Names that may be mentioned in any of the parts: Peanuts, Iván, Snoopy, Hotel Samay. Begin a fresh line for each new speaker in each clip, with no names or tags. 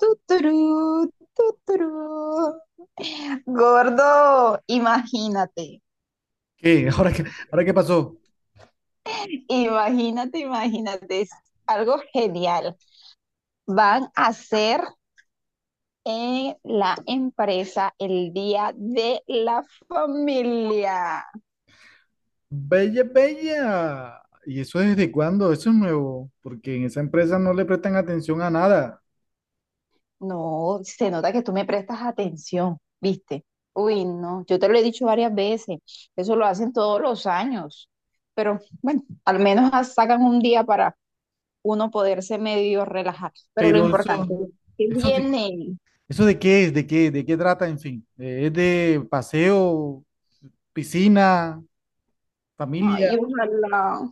Tuturú, tuturú. Gordo, imagínate,
¿Qué? ¿Ahora qué pasó?
imagínate, imagínate, es algo genial. Van a hacer en la empresa el Día de la Familia.
Bella, bella. ¿Y eso desde cuándo? Eso es nuevo, porque en esa empresa no le prestan atención a nada.
No, se nota que tú me prestas atención, ¿viste? Uy, no, yo te lo he dicho varias veces, eso lo hacen todos los años, pero bueno, al menos sacan un día para uno poderse medio relajar. Pero lo
Pero
importante
eso,
es que
eso de,
viene.
Eso de qué es, de qué trata, en fin. Es de paseo, piscina, familia.
Ay, ojalá,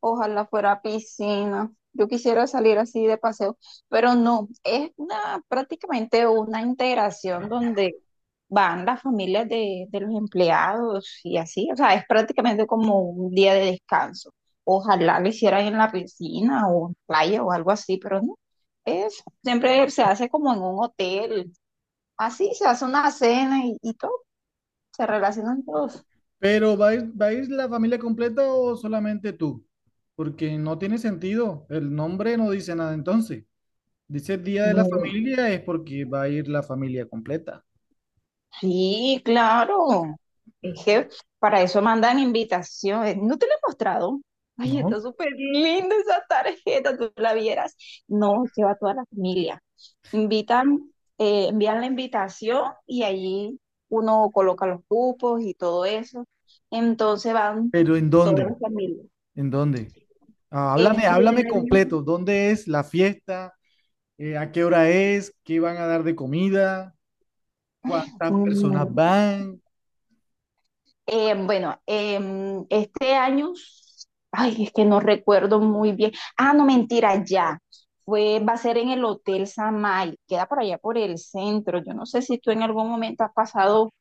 ojalá fuera piscina. Yo quisiera salir así de paseo, pero no, es prácticamente una integración donde van las familias de los empleados y así, o sea, es prácticamente como un día de descanso. Ojalá lo hicieran en la piscina o en playa o algo así, pero no, es, siempre se hace como en un hotel, así se hace una cena y todo. Se relacionan todos.
Pero ¿va a ir la familia completa o solamente tú? Porque no tiene sentido. El nombre no dice nada entonces. Dice día de la
No.
familia es porque va a ir la familia completa,
Sí, claro. Es que para eso mandan invitaciones. ¿No te lo he mostrado? Ay,
¿no?
está súper linda esa tarjeta, tú la vieras. No, se va toda la familia. Invitan, envían la invitación y allí uno coloca los cupos y todo eso. Entonces van
Pero ¿en
todas
dónde?
las familias.
¿En dónde? Ah, háblame,
Este
háblame
año,
completo. ¿Dónde es la fiesta? ¿A qué hora es? ¿Qué van a dar de comida? ¿Cuántas personas
mm,
van?
bueno, este año, ay, es que no recuerdo muy bien. Ah, no, mentira, ya. Va a ser en el Hotel Samay, queda por allá por el centro. Yo no sé si tú en algún momento has pasado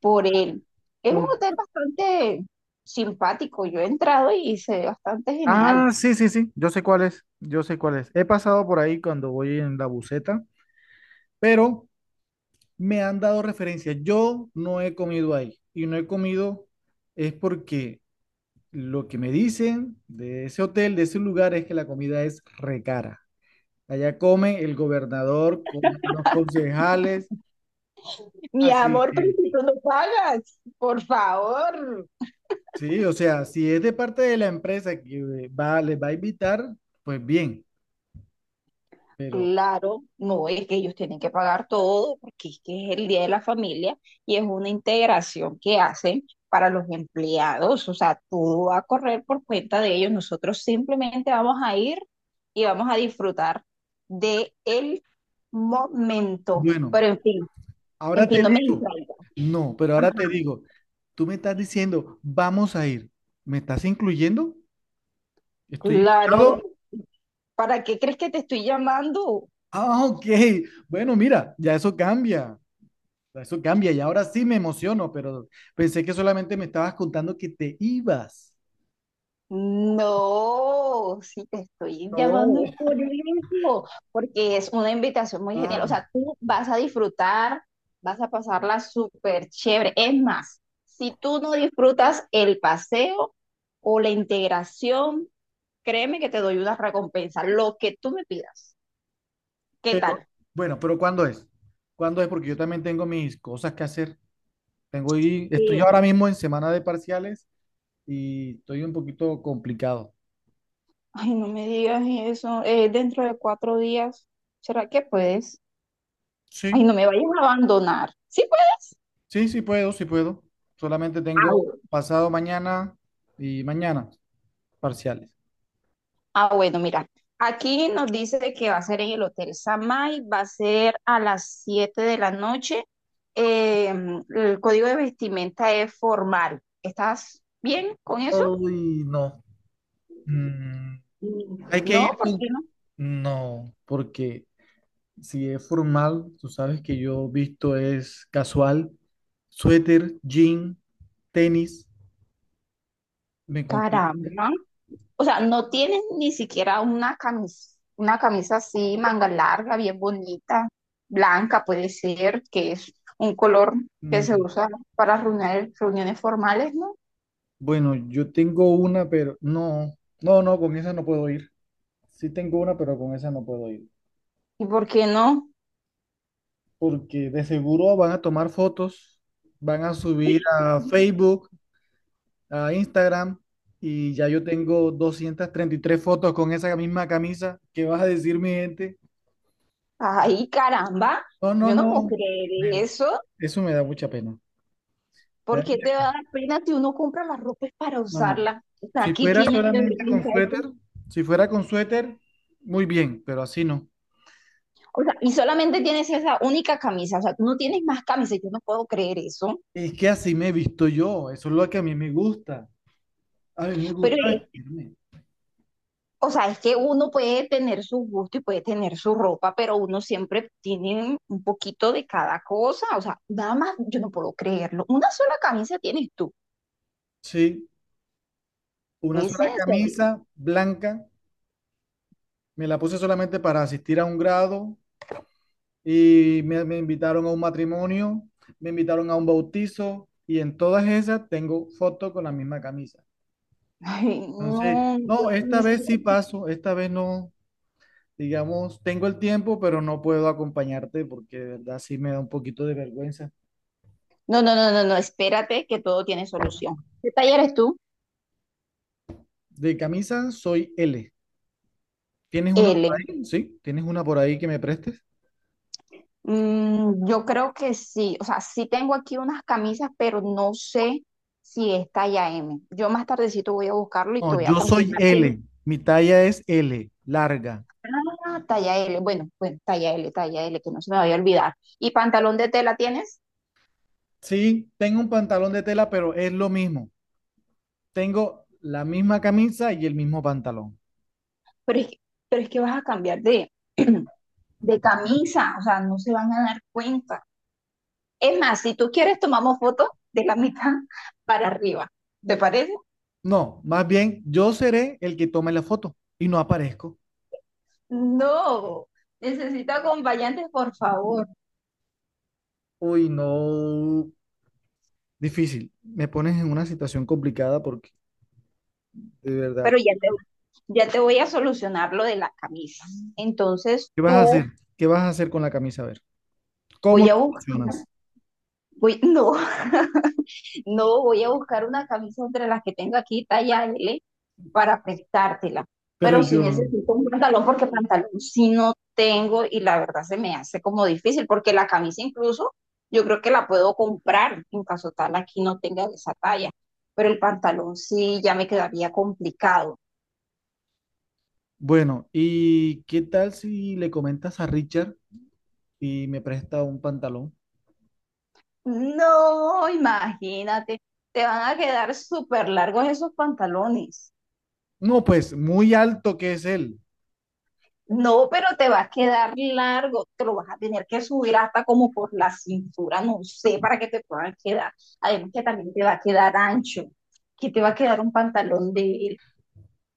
por él. Es un
Ok.
hotel bastante simpático. Yo he entrado y se ve bastante genial.
Ah, sí, sí, sí, yo sé cuál es, yo sé cuál es. He pasado por ahí cuando voy en la buseta. Pero me han dado referencias. Yo no he comido ahí y no he comido es porque lo que me dicen de ese hotel, de ese lugar, es que la comida es re cara. Allá come el gobernador, comen los concejales.
Mi
Así
amor,
que,
pero
sí,
si tú no pagas, por favor.
sí, o sea, si es de parte de la empresa que va, les va a invitar, pues bien, pero
Claro, no es que ellos tienen que pagar todo porque es que es el Día de la Familia y es una integración que hacen para los empleados, o sea, todo va a correr por cuenta de ellos. Nosotros simplemente vamos a ir y vamos a disfrutar de el momento.
bueno,
Pero en fin, en
ahora te
fin, no me
digo,
distraigo.
no,
Ajá.
pero ahora te digo, tú me estás diciendo, vamos a ir, ¿me estás incluyendo? ¿Estoy
Claro,
invitado?
¿para qué crees que te estoy llamando?
Ah, ok, bueno, mira, ya eso cambia y ahora sí me emociono, pero pensé que solamente me estabas contando que te ibas.
No, sí te estoy
No.
llamando por eso, porque es una invitación muy genial. O
Ah.
sea, tú vas a disfrutar, vas a pasarla súper chévere. Es más, si tú no disfrutas el paseo o la integración, créeme que te doy una recompensa, lo que tú me pidas. ¿Qué
Pero,
tal?
bueno, pero ¿cuándo es? ¿Cuándo es? Porque yo también tengo mis cosas que hacer. Tengo y estoy
Sí.
ahora mismo en semana de parciales y estoy un poquito complicado.
Ay, no me digas eso. Dentro de 4 días, ¿será que puedes? Ay,
Sí,
no me vayas a abandonar. ¿Sí puedes?
sí, sí puedo, sí puedo. Solamente tengo pasado mañana y mañana parciales.
Ah, bueno, mira, aquí nos dice que va a ser en el Hotel Samay, va a ser a las 7 de la noche. Eh, el código de vestimenta es formal. ¿Estás bien con eso?
Uy, no. Mm, Hay que
No,
ir
¿por qué
con...
no?
No, porque si es formal, tú sabes que yo visto es casual, suéter, jean, tenis, me complica.
Caramba. O sea, no tienes ni siquiera una camisa así, manga larga, bien bonita, blanca puede ser, que es un color que se
Mm,
usa para reuniones, reuniones formales, ¿no?
Bueno, yo tengo una, pero no, no, no, con esa no puedo ir. Sí tengo una, pero con esa no puedo ir.
¿Y por qué no?
Porque de seguro van a tomar fotos, van a subir a Facebook, a Instagram, y ya yo tengo 233 fotos con esa misma camisa. ¿Qué vas a decir, mi gente?
Ay, caramba,
No, no,
yo no puedo
no.
creer
me-
eso.
Eso me da mucha pena. me da
¿Por qué te
mucha-
va a dar pena si uno compra las ropas para
No, no.
usarla? O sea,
Si
¿qué
fuera
tienes de
solamente con
vergüenza eso?
suéter, si fuera con suéter, muy bien, pero así no.
O sea, y solamente tienes esa única camisa, o sea, tú no tienes más camisas, yo no puedo creer eso.
Es que así me he visto yo, eso es lo que a mí me gusta. A mí me
Pero,
gusta vestirme.
o sea, es que uno puede tener su gusto y puede tener su ropa, pero uno siempre tiene un poquito de cada cosa, o sea, nada más, yo no puedo creerlo. Una sola camisa tienes tú,
Sí, una
¿es
sola
en serio?
camisa blanca, me la puse solamente para asistir a un grado y me invitaron a un matrimonio, me invitaron a un bautizo y en todas esas tengo fotos con la misma camisa.
Ay,
Entonces,
no, no
no, esta
puede
vez sí
ser.
paso, esta vez no, digamos, tengo el tiempo, pero no puedo acompañarte porque de verdad sí me da un poquito de vergüenza.
No, no, no, no, no, espérate que todo tiene solución. ¿Qué taller eres tú?
De camisa soy L. ¿Tienes una por
L.
ahí? ¿Sí? ¿Tienes una por ahí que me prestes?
Mm, yo creo que sí, o sea, sí tengo aquí unas camisas, pero no sé si es talla M. Yo más tardecito voy a buscarlo y te
No,
voy a
yo soy
confirmar. ¿Tienes?
L. Mi talla es L, larga.
Ah, talla L, bueno, bueno, talla L, que no se me vaya a olvidar. ¿Y pantalón de tela tienes?
Sí, tengo un pantalón de tela, pero es lo mismo. Tengo la misma camisa y el mismo pantalón.
Pero es que, pero es que vas a cambiar de, de camisa, o sea, no se van a dar cuenta. Es más, si tú quieres, tomamos fotos de la mitad para arriba. ¿Te parece?
No, más bien yo seré el que tome la foto y no aparezco.
No, necesito acompañante, por favor.
Uy, no. Difícil. Me pones en una situación complicada porque, de verdad,
Pero ya te voy a solucionar lo de la camisa. Entonces
¿qué vas a hacer?
tú,
¿Qué vas a hacer con la camisa? A ver, ¿cómo
voy a
lo
buscar,
solucionas?
voy, no, no, voy a buscar una camisa entre las que tengo aquí, talla L, para prestártela.
Pero
Pero si
yo,
necesito un pantalón, porque pantalón sí no tengo y la verdad se me hace como difícil, porque la camisa incluso yo creo que la puedo comprar en caso tal aquí no tenga esa talla, pero el pantalón sí ya me quedaría complicado.
Bueno, ¿y qué tal si le comentas a Richard y me presta un pantalón?
No, imagínate, te van a quedar súper largos esos pantalones.
No, pues muy alto que es él.
No, pero te va a quedar largo, te lo vas a tener que subir hasta como por la cintura, no sé, para que te puedan quedar. Además que también te va a quedar ancho, que te va a quedar un pantalón de él.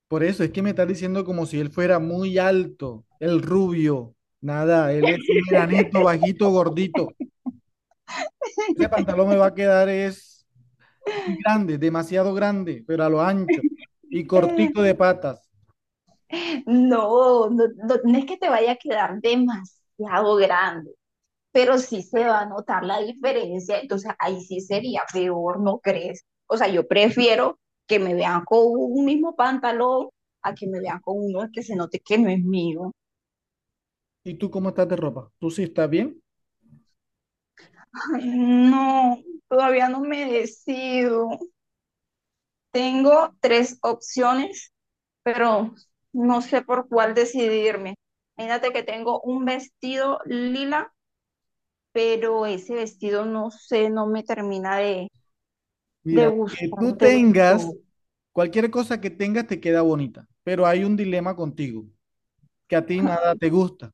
Por eso es que me estás diciendo como si él fuera muy alto, el rubio. Nada, él es un enanito, bajito, gordito. Ese pantalón me va a quedar es muy grande, demasiado grande, pero a lo ancho y cortico de patas.
No, no, no, no es que te vaya a quedar demasiado grande, pero sí se va a notar la diferencia, entonces ahí sí sería peor, ¿no crees? O sea, yo prefiero que me vean con un mismo pantalón a que me vean con uno que se note que no es mío.
¿Y tú cómo estás de ropa? ¿Tú sí estás bien?
Ay, no, todavía no me decido. Tengo tres opciones, pero no sé por cuál decidirme. Imagínate que tengo un vestido lila pero ese vestido no sé, no me termina de
Mira, que
gustar
tú
del todo.
tengas, Cualquier cosa que tengas te queda bonita, pero hay un dilema contigo. Que a ti nada te gusta.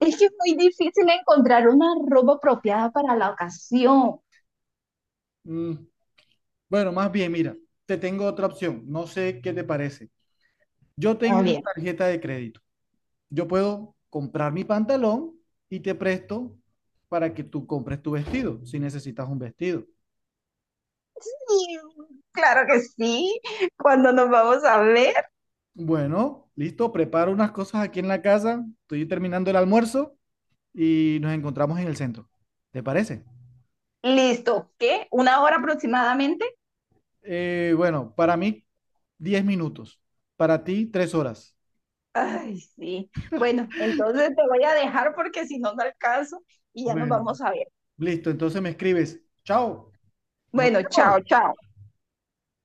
Es que es muy difícil encontrar una ropa apropiada para la ocasión.
Mm, bueno, más bien, mira, te tengo otra opción. No sé qué te parece. Yo
Muy
tengo una
bien.
tarjeta de crédito. Yo puedo comprar mi pantalón y te presto para que tú compres tu vestido, si necesitas un vestido.
Sí, claro que sí. ¿Cuando nos vamos a ver?
Bueno, listo, preparo unas cosas aquí en la casa. Estoy terminando el almuerzo y nos encontramos en el centro. ¿Te parece?
Listo. ¿Qué? ¿Una hora aproximadamente?
Bueno, para mí, 10 minutos. Para ti, 3 horas.
Ay, sí. Bueno, entonces te voy a dejar porque si no, no alcanzo y ya nos
Bueno,
vamos a ver.
listo. Entonces me escribes. Chao. Nos
Bueno, chao,
vemos.
chao.